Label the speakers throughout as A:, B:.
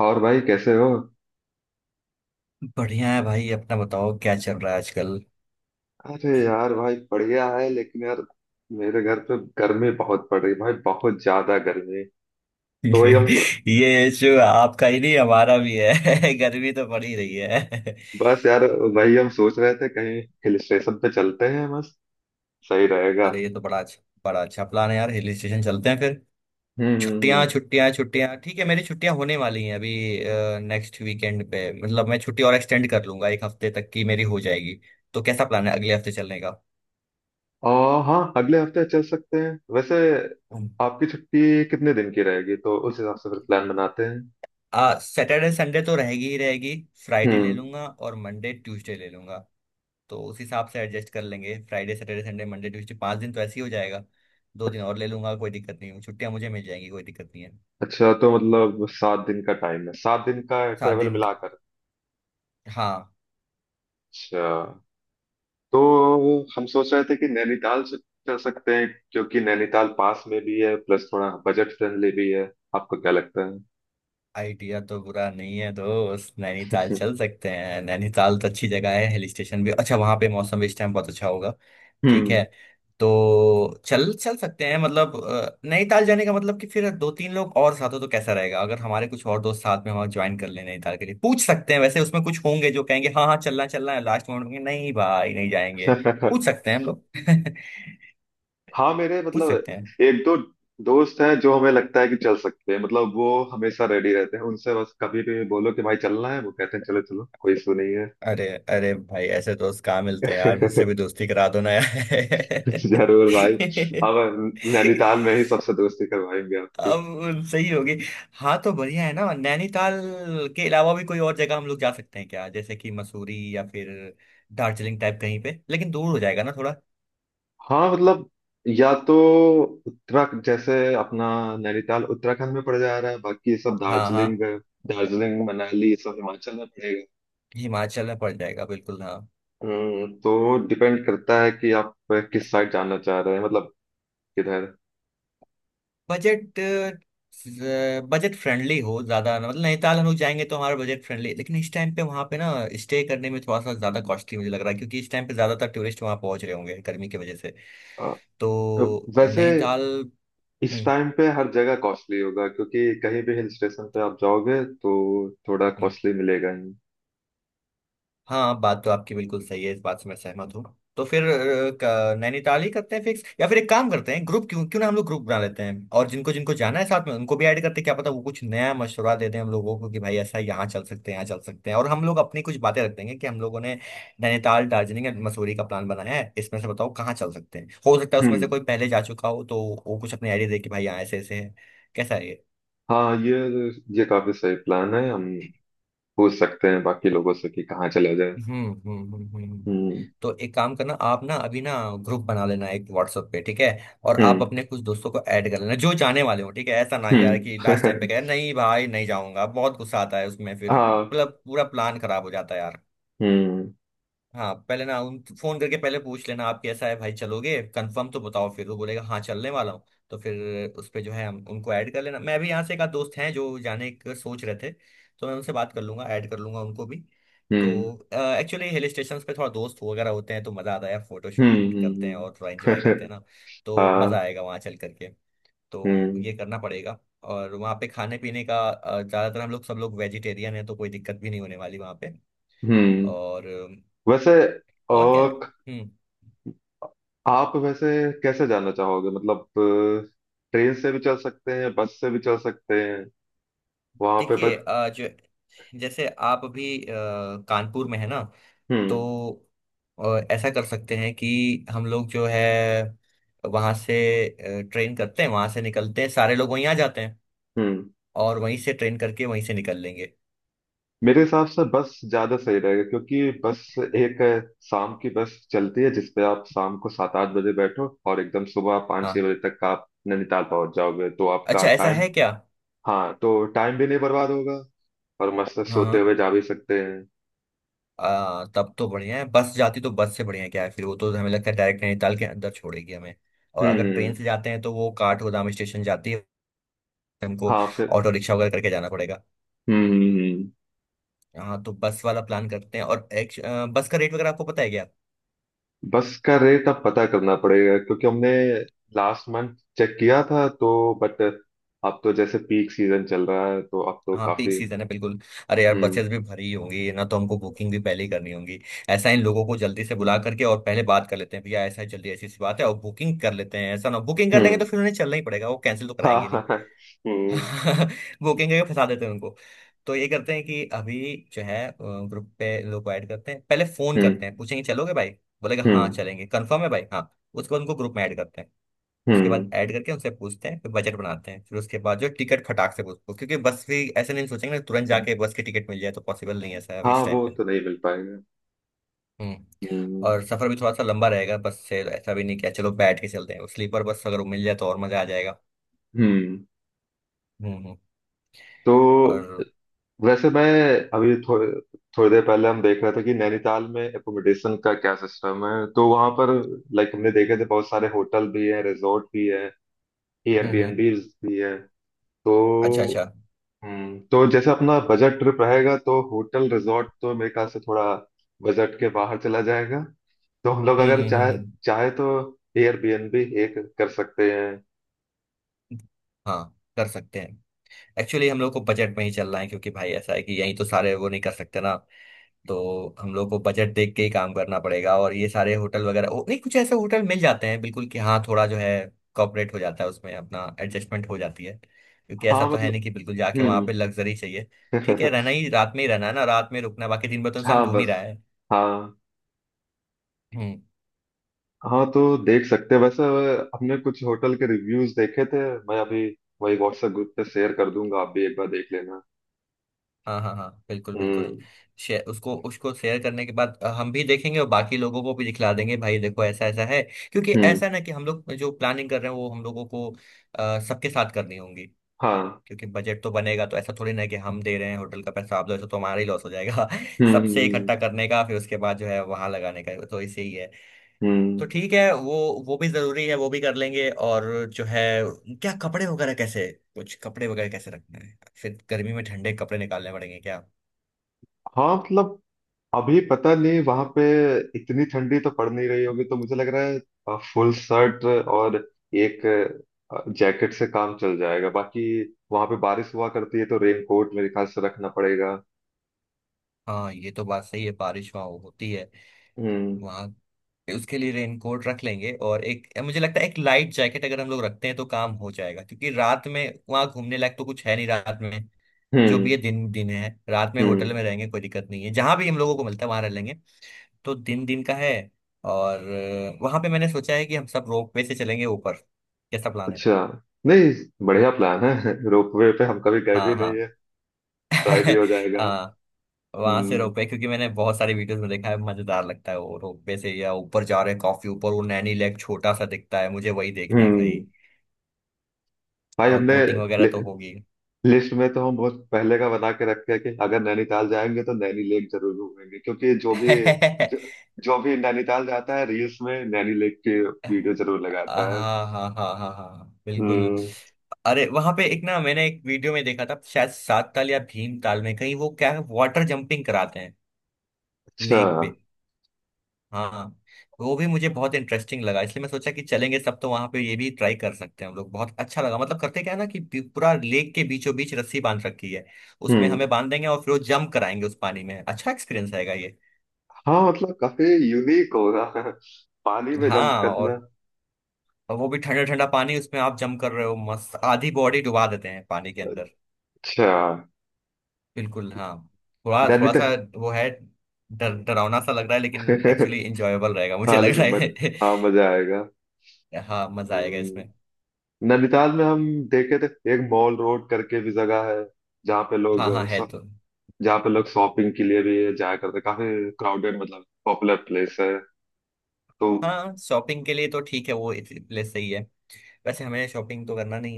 A: और भाई कैसे हो?
B: बढ़िया है भाई। अपना बताओ क्या चल रहा है आजकल।
A: अरे यार भाई बढ़िया है लेकिन यार मेरे घर पे गर्मी बहुत पड़ रही है भाई, बहुत ज्यादा गर्मी। तो वही हम,
B: ये इशू आपका ही नहीं हमारा भी है। गर्मी तो पड़ ही रही है।
A: बस यार, वही हम सोच रहे थे कहीं हिल स्टेशन पे चलते हैं बस। सही रहेगा।
B: अरे ये तो बड़ा अच्छा, बड़ा अच्छा प्लान है यार। हिल स्टेशन चलते हैं फिर। छुट्टियां,
A: हम्म।
B: छुट्टियां, छुट्टियां। ठीक है, मेरी छुट्टियां होने वाली हैं अभी नेक्स्ट वीकेंड पे। मतलब मैं छुट्टी और एक्सटेंड कर लूंगा, एक हफ्ते तक की मेरी हो जाएगी। तो कैसा प्लान है अगले हफ्ते चलने का?
A: और हाँ, अगले हफ्ते चल सकते हैं वैसे। आपकी छुट्टी कितने दिन की रहेगी तो उस हिसाब से फिर प्लान बनाते हैं।
B: आ सैटरडे संडे तो रहेगी ही रहेगी। फ्राइडे ले
A: हम्म।
B: लूंगा और मंडे ट्यूसडे ले लूंगा। तो उस हिसाब से एडजस्ट कर लेंगे, Friday, Saturday, Sunday, Monday, Tuesday, 5 दिन तो ऐसे ही हो जाएगा। 2 दिन और ले लूंगा, कोई दिक्कत नहीं है, छुट्टियां मुझे मिल जाएंगी, कोई दिक्कत नहीं है।
A: अच्छा, तो मतलब 7 दिन का टाइम है, 7 दिन का
B: सात
A: ट्रेवल
B: दिन
A: मिलाकर।
B: हाँ।
A: अच्छा। तो हम सोच रहे थे कि नैनीताल से चल सकते हैं क्योंकि नैनीताल पास में भी है, प्लस थोड़ा बजट फ्रेंडली भी है। आपको क्या लगता है?
B: आइडिया तो बुरा नहीं है दोस्त, नैनीताल चल सकते हैं। नैनीताल तो अच्छी जगह है, हिल स्टेशन भी अच्छा, वहाँ पे मौसम भी इस टाइम बहुत अच्छा होगा। ठीक
A: हम्म।
B: है, तो चल चल सकते हैं, मतलब नैनीताल जाने का मतलब कि फिर दो तीन लोग और साथ हो तो कैसा रहेगा अगर हमारे कुछ और दोस्त साथ में वहां ज्वाइन कर लें। नैनीताल के लिए पूछ सकते हैं वैसे, उसमें कुछ होंगे जो कहेंगे हाँ हाँ, चलना चलना है, लास्ट मोमेंट में नहीं भाई नहीं जाएंगे। पूछ सकते हैं हम लोग।
A: हाँ, मेरे
B: पूछ
A: मतलब
B: सकते हैं।
A: एक दो दोस्त हैं जो हमें लगता है कि चल सकते हैं। मतलब वो हमेशा रेडी रहते हैं, उनसे बस कभी भी बोलो कि भाई चलना है, वो कहते हैं चलो चलो, कोई इशू नहीं है।
B: अरे अरे भाई, ऐसे दोस्त कहाँ मिलते हैं यार, मुझसे भी दोस्ती करा दो ना यार।
A: जरूर भाई। अब नैनीताल में ही सबसे दोस्ती करवाएंगे।
B: अब सही होगी। हाँ तो बढ़िया है ना। नैनीताल के अलावा भी कोई और जगह हम लोग जा सकते हैं क्या, जैसे कि मसूरी या फिर दार्जिलिंग टाइप कहीं पे, लेकिन दूर हो जाएगा ना थोड़ा।
A: हाँ मतलब, या तो उत्तराखंड, जैसे अपना नैनीताल उत्तराखंड में पड़ जा रहा है, बाकी ये सब
B: हाँ हाँ।
A: दार्जिलिंग, दार्जिलिंग मनाली ये सब हिमाचल में पड़ेगा।
B: हिमाचल में पड़ जाएगा बिल्कुल। हाँ।
A: तो डिपेंड करता है कि आप किस साइड जाना चाह रहे हैं, मतलब किधर।
B: बजट, बजट फ्रेंडली हो ज्यादा ना, मतलब नैनीताल हम लोग जाएंगे तो हमारा बजट फ्रेंडली। लेकिन इस टाइम पे वहाँ पे ना, स्टे करने में थोड़ा सा ज्यादा कॉस्टली मुझे लग रहा है, क्योंकि इस टाइम पे ज्यादातर टूरिस्ट वहाँ पहुंच रहे होंगे गर्मी की वजह से।
A: अ,
B: तो
A: वैसे
B: नैनीताल।
A: इस
B: हम्म
A: टाइम पे हर जगह कॉस्टली होगा क्योंकि कहीं भी हिल स्टेशन पे आप जाओगे तो थोड़ा
B: हम्म।
A: कॉस्टली मिलेगा ही।
B: हाँ, बात तो आपकी बिल्कुल सही है, इस बात से मैं सहमत हूँ। तो फिर नैनीताल ही करते हैं फिक्स, या फिर एक काम करते हैं, ग्रुप, क्यों क्यों ना हम लोग ग्रुप बना लेते हैं और जिनको जिनको जाना है साथ में उनको भी ऐड करते हैं, क्या पता वो कुछ नया मशवरा दे दें हम लोगों को कि भाई ऐसा, यहाँ चल सकते हैं, यहाँ चल सकते हैं। और हम लोग अपनी कुछ बातें रख देंगे कि हम लोगों ने नैनीताल, दार्जिलिंग एंड मसूरी का प्लान बनाया है, इसमें से बताओ कहाँ चल सकते हैं। हो सकता है उसमें से
A: हम्म।
B: कोई पहले जा चुका हो तो वो कुछ अपने आइडिया दे कि भाई यहाँ ऐसे ऐसे है। कैसा है ये?
A: हाँ ये काफी सही प्लान है। हम पूछ सकते हैं बाकी लोगों से कि कहाँ चला जाए।
B: हम्म हम्म हम्म हम्म।
A: हम्म
B: तो एक काम करना आप ना अभी ना, ग्रुप बना लेना एक व्हाट्सएप पे, ठीक है। और आप
A: हम्म
B: अपने कुछ दोस्तों को ऐड कर लेना जो जाने वाले हो, ठीक है। ऐसा ना यार
A: हम्म।
B: कि लास्ट टाइम पे कहे नहीं भाई, नहीं जाऊंगा, बहुत गुस्सा आता है उसमें फिर,
A: हाँ।
B: मतलब पूरा प्लान खराब हो जाता है यार।
A: हम्म
B: हाँ पहले ना, उन फोन करके पहले पूछ लेना आप, कैसा है भाई, चलोगे कंफर्म तो बताओ, फिर वो बोलेगा हाँ चलने वाला हूँ। तो फिर उस पे जो है हम उनको ऐड कर लेना, मैं भी यहाँ से एक आध दोस्त हैं जो जाने का सोच रहे थे। तो मैं उनसे बात कर लूंगा, ऐड कर लूंगा उनको भी।
A: हम्म
B: तो एक्चुअली हिल स्टेशन पे थोड़ा दोस्त वगैरह होते हैं तो मज़ा आता है, फोटो
A: हम्म
B: शूट वूट करते हैं
A: हम्म,
B: और थोड़ा एंजॉय करते
A: हम्म।
B: हैं ना। तो मज़ा
A: हाँ।
B: आएगा वहाँ चल करके। तो
A: हम्म
B: ये करना पड़ेगा। और वहाँ पे खाने पीने का, ज़्यादातर हम लोग सब लोग वेजिटेरियन है, तो कोई दिक्कत भी नहीं होने वाली वहाँ पे।
A: हम्म।
B: और
A: वैसे।
B: और क्या है?
A: और
B: हम्म।
A: आप वैसे कैसे जाना चाहोगे? मतलब ट्रेन से भी चल सकते हैं, बस से भी चल सकते हैं, वहां पे
B: देखिए
A: बस।
B: जो जैसे आप अभी कानपुर में है ना, तो
A: हम्म
B: अ, ऐसा कर सकते हैं कि हम लोग जो है वहां से ट्रेन करते हैं, वहां से निकलते हैं, सारे लोग वहीं आ जाते हैं।
A: हम्म।
B: और वहीं से ट्रेन करके वहीं से निकल लेंगे।
A: मेरे हिसाब से बस ज्यादा सही रहेगा क्योंकि बस एक है, शाम की बस चलती है जिसपे आप शाम को 7-8 बजे बैठो और एकदम सुबह पाँच छह
B: हाँ।
A: बजे तक आप नैनीताल पहुंच जाओगे, तो आपका
B: अच्छा ऐसा
A: टाइम।
B: है क्या।
A: हाँ, तो टाइम भी नहीं बर्बाद होगा और मस्त
B: हाँ
A: सोते
B: हाँ।
A: हुए जा भी सकते हैं।
B: तब तो बढ़िया है, बस जाती तो बस से बढ़िया है, क्या है फिर वो तो हमें लगता है डायरेक्ट नैनीताल के अंदर छोड़ेगी हमें। और
A: हम्म
B: अगर ट्रेन
A: हम्म,
B: से जाते हैं तो वो काठगोदाम स्टेशन जाती है, हमको
A: हाँ फिर।
B: ऑटो रिक्शा वगैरह करके जाना पड़ेगा।
A: हम्म हम्म, हम्म।
B: हाँ तो बस वाला प्लान करते हैं, और बस का रेट वगैरह आपको पता है क्या?
A: बस का रेट अब पता करना पड़ेगा क्योंकि हमने लास्ट मंथ चेक किया था तो, बट अब तो जैसे पीक सीजन चल रहा है तो अब तो
B: हाँ पीक
A: काफी।
B: सीजन है बिल्कुल। अरे यार
A: हम्म।
B: बसेस भी भरी ही होंगी ना, तो हमको बुकिंग भी पहले ही करनी होगी। ऐसा इन लोगों को जल्दी से बुला करके और पहले बात कर लेते हैं, भैया ऐसा है जल्दी, ऐसी सी बात है, और बुकिंग कर लेते हैं, ऐसा ना बुकिंग कर लेंगे तो
A: हम्म।
B: फिर उन्हें चलना ही पड़ेगा, वो कैंसिल तो
A: हाँ
B: कराएंगे नहीं।
A: हाँ हाँ, हम्म।
B: बुकिंग करके फंसा देते हैं उनको। तो ये करते हैं कि अभी जो है ग्रुप पे लोग ऐड करते हैं, पहले फोन
A: हम्म
B: करते हैं, पूछेंगे चलोगे भाई? बोलेगा हाँ
A: हम्म
B: चलेंगे, कंफर्म है भाई, हाँ। उसको उनको ग्रुप में ऐड करते हैं। उसके बाद
A: हम्म।
B: ऐड करके उनसे पूछते हैं, फिर बजट बनाते हैं, फिर उसके बाद जो टिकट खटाक से पूछते हैं, क्योंकि बस भी ऐसे नहीं सोचेंगे ना तुरंत जाके बस की टिकट मिल जाए तो पॉसिबल नहीं है ऐसा अभी
A: हाँ
B: इस टाइम
A: वो
B: पे।
A: तो नहीं मिल पाएगा।
B: हम्म
A: हम्म।
B: और सफर भी थोड़ा सा लंबा रहेगा बस से, ऐसा भी नहीं किया चलो बैठ के चलते हैं, स्लीपर बस अगर वो मिल जाए तो और मजा आ जाएगा।
A: हम्म।
B: हम्म।
A: तो
B: और।
A: वैसे मैं अभी थोड़े, थोड़ी देर पहले हम देख रहे थे कि नैनीताल में एकोमोडेशन का क्या सिस्टम है। तो वहां पर, लाइक, हमने देखे थे बहुत सारे होटल भी है, रिजॉर्ट भी है,
B: हम्म।
A: एयरबीएनबीज भी है। तो
B: अच्छा अच्छा।
A: तो जैसे अपना बजट ट्रिप रहेगा तो होटल रिजॉर्ट तो मेरे ख्याल से थोड़ा बजट के बाहर चला जाएगा। तो हम लोग
B: हम्म
A: अगर
B: हम्म हम्म
A: चाहे
B: हम्म।
A: चाहे तो एयरबीएनबी एक कर सकते हैं।
B: हाँ कर सकते हैं। एक्चुअली हम लोग को बजट में ही चलना है, क्योंकि भाई ऐसा है कि यहीं तो सारे वो नहीं कर सकते ना, तो हम लोग को बजट देख के ही काम करना पड़ेगा। और ये सारे होटल वगैरह नहीं, कुछ ऐसे होटल मिल जाते हैं बिल्कुल कि हाँ थोड़ा जो है कॉपरेट हो जाता है, उसमें अपना एडजस्टमेंट हो जाती है, क्योंकि ऐसा
A: हाँ
B: तो है
A: मतलब।
B: नहीं कि बिल्कुल जाके वहां पे
A: हम्म।
B: लग्जरी चाहिए। ठीक है, रहना ही रात में ही रहना है ना, रात में रुकना है, बाकी दिन भर तो इंसान
A: हाँ
B: घूम ही रहा
A: बस।
B: है।
A: हाँ।
B: हम्म।
A: हाँ तो देख सकते हैं वैसे। हमने कुछ होटल के रिव्यूज देखे थे। मैं अभी वही व्हाट्सएप ग्रुप पे शेयर कर दूंगा, आप भी एक बार देख लेना।
B: हाँ हाँ हाँ बिल्कुल
A: हम्म
B: बिल्कुल। शेयर उसको उसको शेयर करने के बाद हम भी देखेंगे और बाकी लोगों को भी दिखला देंगे भाई, देखो ऐसा ऐसा है। क्योंकि
A: हम्म।
B: ऐसा ना कि हम लोग जो प्लानिंग कर रहे हैं वो हम लोगों को सबके साथ करनी होंगी।
A: हाँ।
B: क्योंकि बजट तो बनेगा, तो ऐसा थोड़ी ना है कि हम दे रहे हैं होटल का पैसा आप दो, ऐसा तो हमारा ही लॉस हो जाएगा।
A: हम्म
B: सबसे
A: हम्म
B: इकट्ठा करने का, फिर उसके बाद जो है वहां लगाने का, तो इसे ही है। तो
A: हम्म।
B: ठीक है, वो भी जरूरी है, वो भी कर लेंगे। और जो है, क्या कपड़े वगैरह कैसे कुछ कपड़े वगैरह कैसे रखना है, फिर गर्मी में ठंडे कपड़े निकालने पड़ेंगे क्या?
A: हाँ मतलब, अभी पता नहीं वहां पे इतनी ठंडी तो पड़ नहीं रही होगी, तो मुझे लग रहा है फुल शर्ट और एक जैकेट से काम चल जाएगा। बाकी वहां पे बारिश हुआ करती है तो रेन कोट मेरे ख्याल से रखना पड़ेगा।
B: हाँ ये तो बात सही है, बारिश वहाँ होती है।
A: हम्म
B: वहाँ उसके लिए रेनकोट रख लेंगे और एक, मुझे लगता है एक लाइट जैकेट अगर हम लोग रखते हैं तो काम हो जाएगा, क्योंकि रात में वहाँ घूमने लायक तो कुछ है नहीं रात में। जो भी
A: हम्म
B: ये, दिन दिन है, रात में होटल
A: हम्म।
B: में रहेंगे, कोई दिक्कत नहीं है, जहां भी हम लोगों को मिलता है वहां रह लेंगे। तो दिन दिन का है। और वहां पे मैंने सोचा है कि हम सब रोपवे से चलेंगे ऊपर। कैसा प्लान है?
A: अच्छा। नहीं, बढ़िया प्लान है। रोपवे पे हम कभी गए भी
B: हाँ
A: नहीं
B: हाँ।
A: है, ट्राई भी हो जाएगा।
B: हाँ। वहां से
A: हम्म।
B: रोपवे, क्योंकि मैंने बहुत सारी वीडियोस में देखा है मजेदार लगता है वो, रोपवे से या ऊपर जा रहे हैं काफी ऊपर, वो नैनी लेक छोटा सा दिखता है, मुझे वही देखना है भाई।
A: हम्म भाई,
B: और
A: हमने
B: बोटिंग वगैरह
A: लि,
B: तो होगी।
A: लिस्ट में तो हम बहुत पहले का बना के रखे हैं कि अगर नैनीताल जाएंगे तो नैनी लेक जरूर घूमेंगे, क्योंकि जो भी जो, जो भी नैनीताल जाता है रील्स में नैनी लेक की वीडियो जरूर लगाता है।
B: हाँ हाँ हाँ हाँ हाँ हाँ, बिल्कुल।
A: हम्म।
B: अरे वहां पे एक ना, मैंने एक वीडियो में देखा था, शायद सात ताल या भीम ताल में कहीं, वो क्या है वाटर जंपिंग कराते हैं
A: अच्छा।
B: लेक पे। हाँ। वो भी मुझे बहुत इंटरेस्टिंग लगा, इसलिए मैं सोचा कि चलेंगे सब तो वहां पे ये भी ट्राई कर सकते हैं हम लोग, बहुत अच्छा लगा। मतलब करते क्या है ना कि पूरा लेक के बीचों बीच रस्सी बांध रखी है। उसमें
A: हम्म।
B: हमें बांध देंगे और फिर वो जंप कराएंगे उस पानी में, अच्छा एक्सपीरियंस आएगा ये।
A: हाँ मतलब, काफी यूनिक होगा। पानी में जंप
B: हाँ।
A: करना।
B: और वो भी ठंडा ठंडा पानी, उसमें आप जंप कर रहे हो मस्त, आधी बॉडी डुबा देते हैं पानी के अंदर।
A: अच्छा।
B: बिल्कुल हाँ। थोड़ा थोड़ा सा
A: नैनीताल।
B: वो है, डर डरावना सा लग रहा है लेकिन एक्चुअली इंजॉयबल रहेगा मुझे
A: हाँ
B: लग रहा
A: लेकिन
B: है।
A: हाँ मजा आएगा।
B: हाँ मजा आएगा
A: हम्म,
B: इसमें।
A: नैनीताल में हम देखे थे एक मॉल रोड करके भी जगह है, जहाँ पे लोग
B: हाँ हाँ है
A: शॉ-
B: तो।
A: जहाँ पे लोग शॉपिंग के लिए भी जाया करते हैं। काफी क्राउडेड, मतलब पॉपुलर प्लेस है। तो
B: हाँ शॉपिंग के लिए तो ठीक है, वो इस प्लेस सही है। वैसे हमें शॉपिंग तो करना नहीं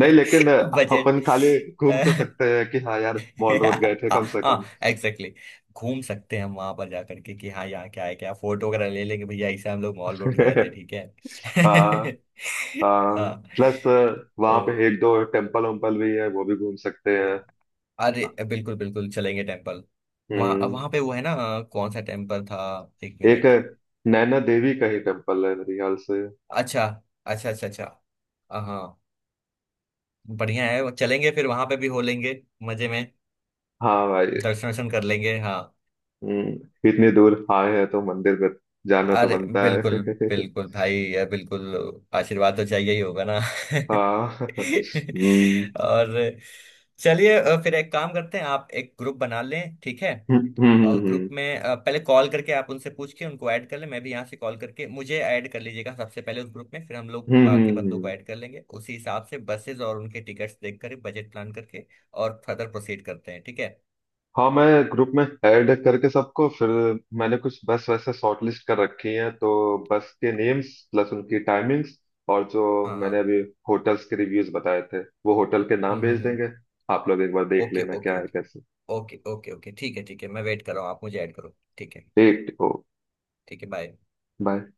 A: नहीं, लेकिन अपन
B: बजट।
A: खाली घूम तो सकते हैं कि हाँ यार मॉल रोड गए थे कम से
B: हाँ
A: कम।
B: एग्जैक्टली। घूम सकते हैं हम वहां पर जा करके कि हाँ यहाँ क्या है क्या, फोटो वगैरह ले लेंगे भैया, ऐसे हम लोग मॉल रोड गए थे ठीक है।
A: हाँ। हाँ।
B: हाँ
A: प्लस
B: तो।
A: वहाँ पे एक दो टेम्पल वेम्पल भी है, वो भी घूम सकते हैं।
B: अरे बिल्कुल बिल्कुल, चलेंगे टेम्पल। वहाँ
A: हम्म।
B: वहाँ पे वो है ना, कौन सा टेम्पल था, एक
A: एक,
B: मिनट।
A: नैना देवी का ही टेम्पल है मेरे ख्याल से।
B: अच्छा अच्छा अच्छा अच्छा। हाँ बढ़िया है वो, चलेंगे फिर वहाँ पे भी हो लेंगे मजे में,
A: हाँ भाई।
B: दर्शन वर्शन कर लेंगे। हाँ।
A: हम्म, इतनी दूर आए हैं तो मंदिर में जाना तो
B: अरे
A: बनता है।
B: बिल्कुल बिल्कुल भाई यार बिल्कुल, आशीर्वाद तो चाहिए ही होगा ना।
A: हाँ। हम्म।
B: और चलिए, फिर एक काम करते हैं आप एक ग्रुप बना लें, ठीक है।
A: हम्म हम्म
B: और
A: हम्म
B: ग्रुप में पहले कॉल करके आप उनसे पूछ के उनको ऐड कर लें, मैं भी यहाँ से कॉल करके मुझे ऐड कर लीजिएगा सबसे पहले उस ग्रुप में, फिर हम लोग बाकी बंदों को
A: हम्म।
B: ऐड कर लेंगे उसी हिसाब से, बसेस और उनके टिकट्स देख कर बजट प्लान करके, और फर्दर प्रोसीड करते हैं ठीक है।
A: हाँ, मैं ग्रुप में ऐड करके सबको, फिर मैंने कुछ बस वैसे शॉर्ट लिस्ट कर रखी है, तो बस के नेम्स प्लस उनकी टाइमिंग्स, और जो
B: हाँ
A: मैंने
B: हाँ।
A: अभी होटल्स के रिव्यूज बताए थे वो होटल के नाम भेज
B: हम्म।
A: देंगे। आप लोग एक बार देख
B: ओके
A: लेना क्या
B: ओके
A: है
B: ओके
A: कैसे।
B: Okay okay okay. ठीक है ठीक है, मैं वेट कर रहा हूँ, आप मुझे ऐड करो ठीक है।
A: ठीक ओ।
B: ठीक है। बाय।
A: बाय।